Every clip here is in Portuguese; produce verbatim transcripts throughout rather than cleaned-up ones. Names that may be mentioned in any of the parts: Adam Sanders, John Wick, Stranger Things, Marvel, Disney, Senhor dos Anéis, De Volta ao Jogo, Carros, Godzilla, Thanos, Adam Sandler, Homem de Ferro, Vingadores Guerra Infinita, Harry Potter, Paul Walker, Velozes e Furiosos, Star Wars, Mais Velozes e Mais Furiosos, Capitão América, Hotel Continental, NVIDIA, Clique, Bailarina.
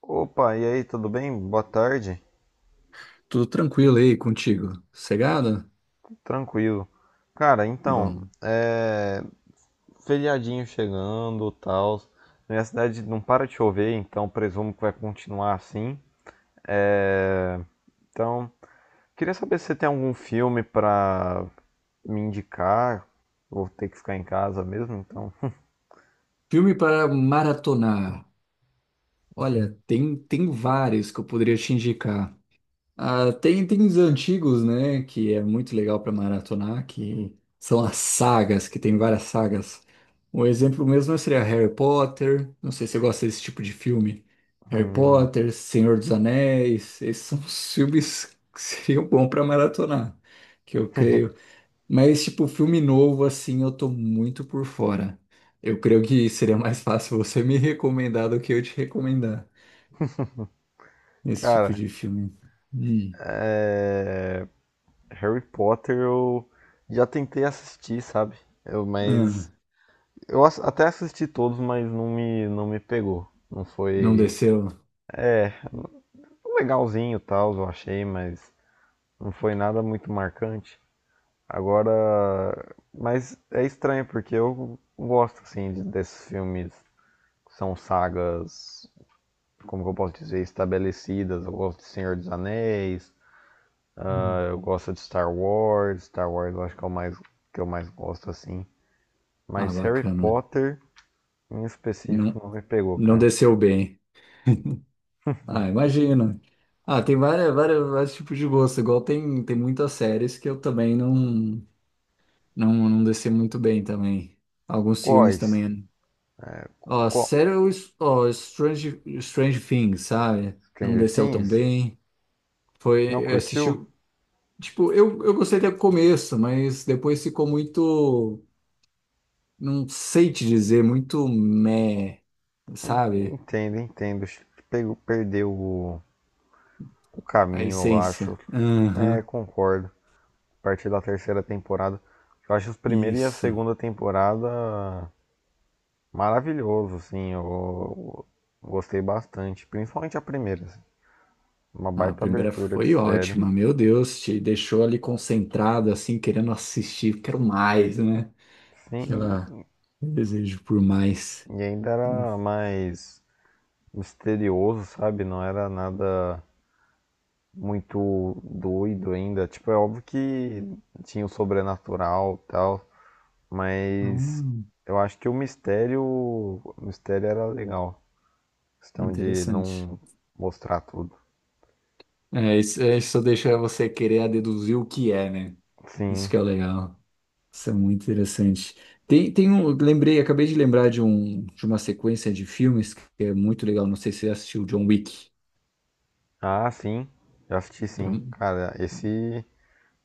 Opa, e aí, tudo bem? Boa tarde. Tudo tranquilo aí contigo? Sossegado? Tranquilo. Cara, então, Bom. é... feriadinho chegando, tal. Na minha cidade não para de chover, então presumo que vai continuar assim. É... Então, queria saber se você tem algum filme pra me indicar. Vou ter que ficar em casa mesmo, então. Filme para maratonar. Olha, tem, tem vários que eu poderia te indicar. Ah, tem, tem os antigos, né? Que é muito legal para maratonar, que são as sagas, que tem várias sagas. Um exemplo mesmo seria Harry Potter. Não sei se você gosta desse tipo de filme. Harry Hum. Potter, Senhor dos Anéis. Esses são os filmes que seriam bons para maratonar. Que eu creio. Mas, tipo, filme novo, assim, eu tô muito por fora. Eu creio que seria mais fácil você me recomendar do que eu te recomendar esse tipo Cara, de filme. Hum. é, Harry Potter eu já tentei assistir, sabe? Eu, Ah, mas Eu ass- até assisti todos, mas não me, não me pegou. Não não foi. desceu? É, foi legalzinho e tal, eu achei, mas não foi nada muito marcante. Agora. Mas é estranho, porque eu gosto, assim, de- desses filmes que são sagas, como que eu posso dizer, estabelecidas. Eu gosto de Senhor dos Anéis, Hum. eu gosto de Star Wars. Star Wars eu acho que é o mais, que eu mais gosto, assim. Ah, Mas Harry bacana. Potter, em específico, Não, não me pegou, não cara. desceu bem. Ah, imagina. Ah, tem várias, várias, vários tipos de gosto. Igual tem, tem muitas séries que eu também não, não, não desci muito bem também. Alguns filmes Quais? também. Ó, Qual, sério, o S- ó, Strange, Strange Things, sabe? Não Stranger desceu tão Things? bem. Não Foi, eu assisti, curtiu? tipo, eu, eu gostei até o começo, mas depois ficou muito, não sei te dizer, muito meh, sabe? Entendo, entendo. Pegou, perdeu o, o A caminho, eu acho. essência. É, Aham, concordo. A partir da terceira temporada. Eu acho os primeira e a isso. segunda temporada maravilhoso, assim. Eu, eu gostei bastante. Principalmente a primeira, assim. Uma Ah, a baita primeira abertura de foi série. ótima, meu Deus, te deixou ali concentrado, assim, querendo assistir, quero mais, né? Sim, Aquela desejo por mais. e ainda Hum, era mais misterioso, sabe? Não era nada muito doido ainda. Tipo, é óbvio que tinha o sobrenatural e tal, mas hum, eu acho que o mistério, o mistério era legal. Questão de interessante. não mostrar tudo. É, isso, é, isso só deixa você querer a deduzir o que é, né? Isso Sim. que é o legal. Isso é muito interessante. Tem, tem um, lembrei, acabei de lembrar de um, de uma sequência de filmes que é muito legal. Não sei se você assistiu John Wick. Ah, sim. Já assisti Pra, sim. Cara, esse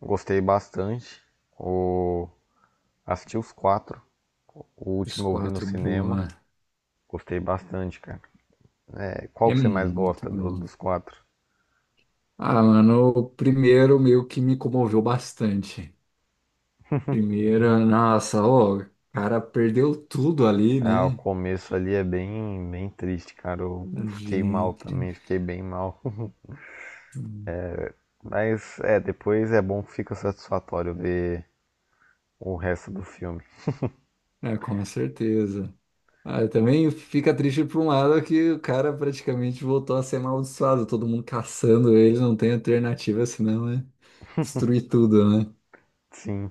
gostei bastante. O... Assisti os quatro. O os último eu vi no quatro, cinema. boa. Gostei bastante, cara. É, qual É que você mais muito gosta do- bom. dos quatro? Ah, mano, o primeiro meio que me comoveu bastante. Primeiro, nossa, ó, o cara perdeu tudo ali, Ah, o né? começo ali é bem, bem triste, cara. Eu fiquei mal Gente, também, fiquei bem mal. Mas é, depois é bom que fica satisfatório ver o resto do filme. é, com certeza. Ah, eu também fica triste por um lado que o cara praticamente voltou a ser amaldiçoado, todo mundo caçando ele, não tem alternativa senão é destruir tudo, né? Sim.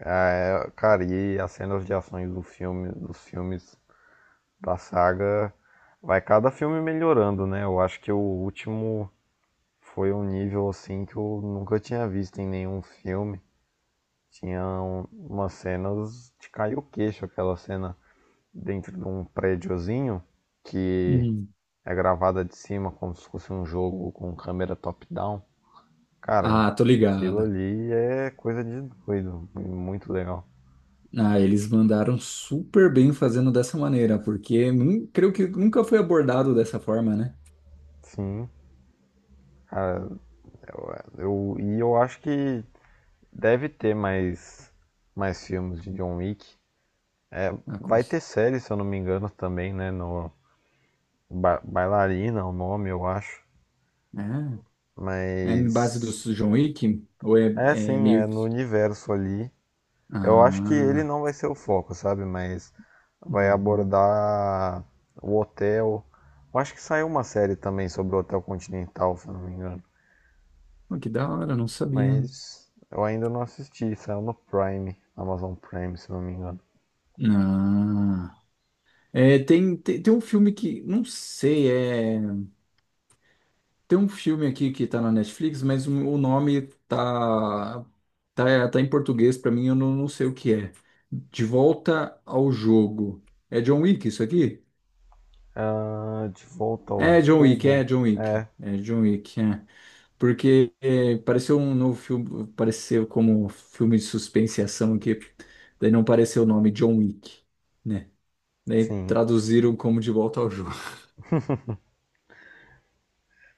Ah, é, cara, e as cenas de ações do filme, dos filmes da saga, vai cada filme melhorando, né? Eu acho que o último foi um nível assim que eu nunca tinha visto em nenhum filme. Tinha um- umas cenas de cair o queixo, aquela cena dentro de um prédiozinho que Hum. é gravada de cima como se fosse um jogo com câmera top-down. Cara, Ah, tô aquilo ligado. ali é coisa de doido, muito legal. Ah, eles mandaram super bem fazendo dessa maneira, porque nun- creio que nunca foi abordado dessa forma, né? Sim, cara, eu, e eu acho que deve ter mais, mais filmes de John Wick. Ah, Vai ter cons... série, se eu não me engano, também, né? No Ba- Bailarina, é o nome, eu acho. ah, é em base do Mas John Wick? Ou é, é é assim, é meio no que. universo ali. Eu acho que ele Ah, não vai ser o foco, sabe? Mas vai uhum. abordar o hotel. Eu acho que saiu uma série também sobre o Hotel Continental, se eu não me engano. Oh, que da hora, não sabia. Mas eu ainda não assisti, saiu no Prime, Amazon Prime, se eu não me engano. Ah. É, tem, tem, tem um filme que, não sei, é, tem um filme aqui que tá na Netflix, mas o, o nome tá, tá, tá em português pra mim, eu não, não sei o que é. De Volta ao Jogo. É John Wick isso aqui? Ah, de volta ao É John Wick, jogo? é John Wick. É, É John Wick, é. Porque é, pareceu um novo filme, pareceu como um filme de suspense e ação aqui, daí não pareceu o nome John Wick, né? Daí sim. traduziram como De Volta ao Jogo.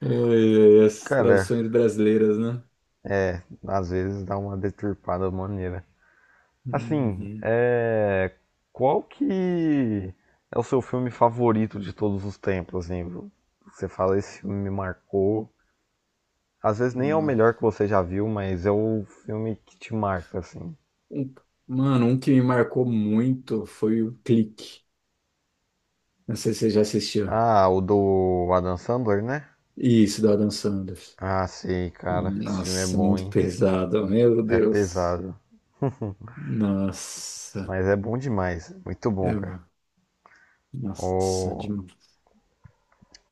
Ai, ai, as Cara, traduções brasileiras, né? às vezes dá uma deturpada maneira. Assim, Uhum. é... qual que é o seu filme favorito de todos os tempos, assim? Você fala, esse filme me marcou. Às vezes nem é o Não. melhor que você já viu, mas é o filme que te marca, assim. Um- mano, um que me marcou muito foi o Clique. Não sei se você já assistiu. Ah, o do Adam Sandler, né? Isso, do Adam Sanders. Ah, sei, cara. Esse filme é Nossa, bom, muito hein? pesado, meu É Deus. pesado. Nossa, Mas é bom demais. Muito bom, cara. Eva, nossa, Ô, demais.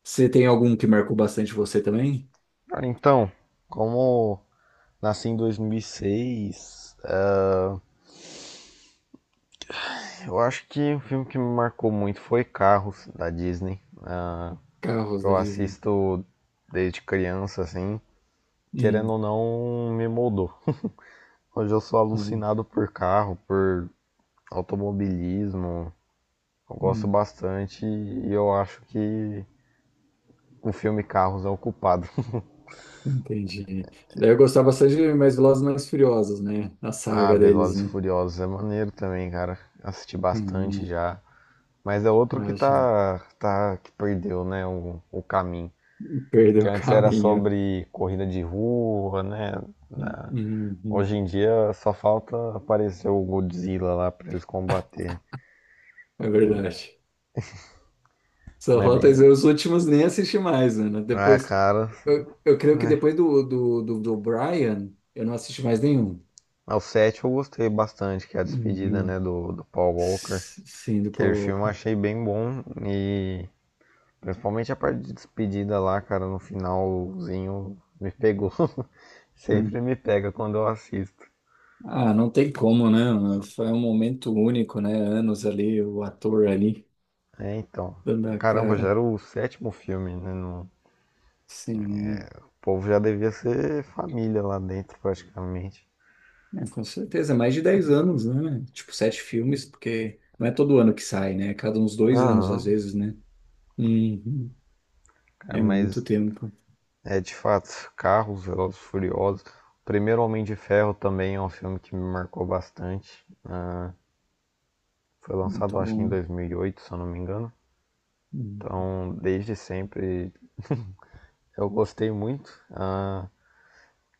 Você tem algum que marcou bastante você também? Cara, então, como nasci em dois mil e seis, Eu acho que o filme que me marcou muito foi Carros, da Disney. Ah, Carros da eu Disney. assisto desde criança, assim, Hum, querendo ou não, me moldou. Hoje eu sou hum, alucinado por carro, por automobilismo. Eu gosto hum, bastante e eu acho que o filme Carros é o culpado. entendi. Daí eu gostava bastante de Mais Velozes e Mais Furiosos, né? A ah, saga deles, Velozes e né? Furiosos é maneiro também, cara. Assisti bastante Hum. já. Mas é outro que Imagina. tá, tá que perdeu, né, o, o caminho. Perdeu Que o antes era caminho. sobre corrida de rua, né? Na- Uhum, Hoje em dia só falta aparecer o Godzilla lá pra eles combater. é E- verdade. Só Mas é falta bem dizer, legal. os últimos nem assisti mais, Ana. Ah, Depois, cara, eu, eu creio que é. depois do, do, do, do Brian, eu não assisti mais nenhum. Ao sétimo eu gostei bastante, que é a despedida, né, Uhum. do, do Paul Walker. S- Sim, do Paul Aquele filme eu Walker. achei bem bom e principalmente a parte de despedida lá, cara, no finalzinho me pegou. Sempre Hum. me pega quando eu assisto. Ah, não tem como, né, Ana? Foi um momento único, né? Anos ali, o ator ali, É, então. dando a Caramba, já cara. era o sétimo filme, né? Não, Sim, O povo já devia ser família lá dentro, praticamente. é, com certeza. É mais de dez anos, né? Tipo, sete filmes, porque não é todo ano que sai, né? É cada uns dois anos, às Aham, vezes, né? Uhum. cara, É muito mas tempo. é de fato, Carros, Velozes e Furiosos. O primeiro Homem de Ferro também é um filme que me marcou bastante. Foi Muito lançado, acho que em bom. dois mil e oito, se eu não me engano. Uhum. Então, desde sempre, eu gostei muito ah,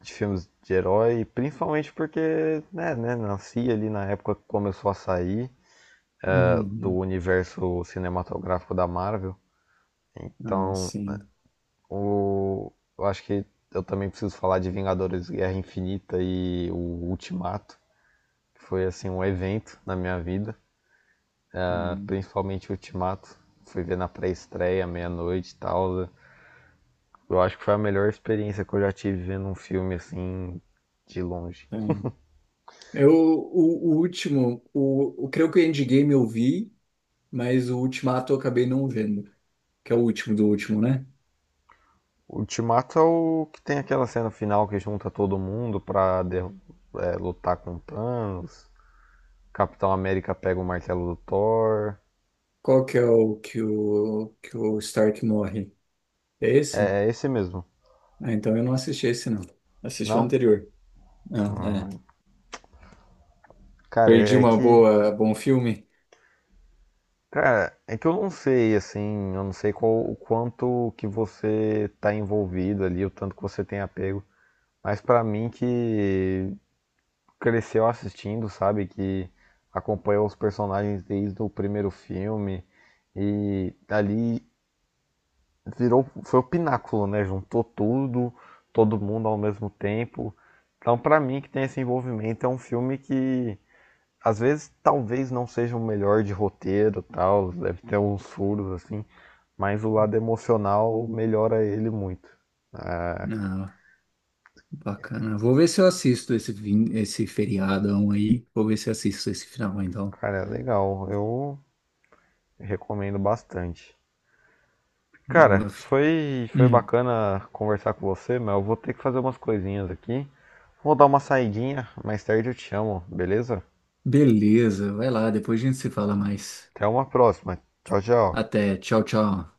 de filmes de herói, principalmente porque, né, né, nasci ali na época que começou a sair ah, do Uhum. universo cinematográfico da Marvel. Ah, Então, sim. O... Eu acho que eu também preciso falar de Vingadores Guerra Infinita e o Ultimato, que foi assim um evento na minha vida, ah, Uhum. principalmente o Ultimato. Fui ver na pré-estreia, meia-noite e tal. Eu acho que foi a melhor experiência que eu já tive vendo um filme assim de longe. É. Eu, o, o último, o, o creio que o Endgame eu vi, mas o Ultimato eu acabei não vendo, que é o último do último, né? O Ultimato é o que tem aquela cena final que junta todo mundo pra der é, lutar com Thanos. Capitão América pega o martelo do Thor. Qual que é o que o, que o Stark morre? É esse? É, é esse mesmo. Ah, então eu não assisti esse, não. Assisti o Não? anterior. Ah, Ah, é. Cara, Perdi é uma que. boa, bom filme? Cara, é que eu não sei, assim, eu não sei qual, o quanto que você tá envolvido ali, o tanto que você tem apego, mas pra mim que cresceu assistindo, sabe, que acompanhou os personagens desde o primeiro filme e ali virou, foi o pináculo, né, juntou tudo, todo mundo ao mesmo tempo. Então, pra mim que tem esse envolvimento, é um filme que às vezes talvez não seja o melhor de roteiro tal, deve ter uns furos assim, mas o lado emocional melhora ele muito. Ah, Não. Bacana. Vou ver se eu assisto esse, vin- esse feriadão aí. Vou ver se eu assisto esse final, então. cara, é legal, eu recomendo bastante. Cara, Boa. Fi- foi, foi Hum, bacana conversar com você, mas eu vou ter que fazer umas coisinhas aqui. Vou dar uma saidinha, mais tarde eu te chamo, beleza? beleza, vai lá, depois a gente se fala mais. Até uma próxima. Tchau, tchau. Até, tchau, tchau.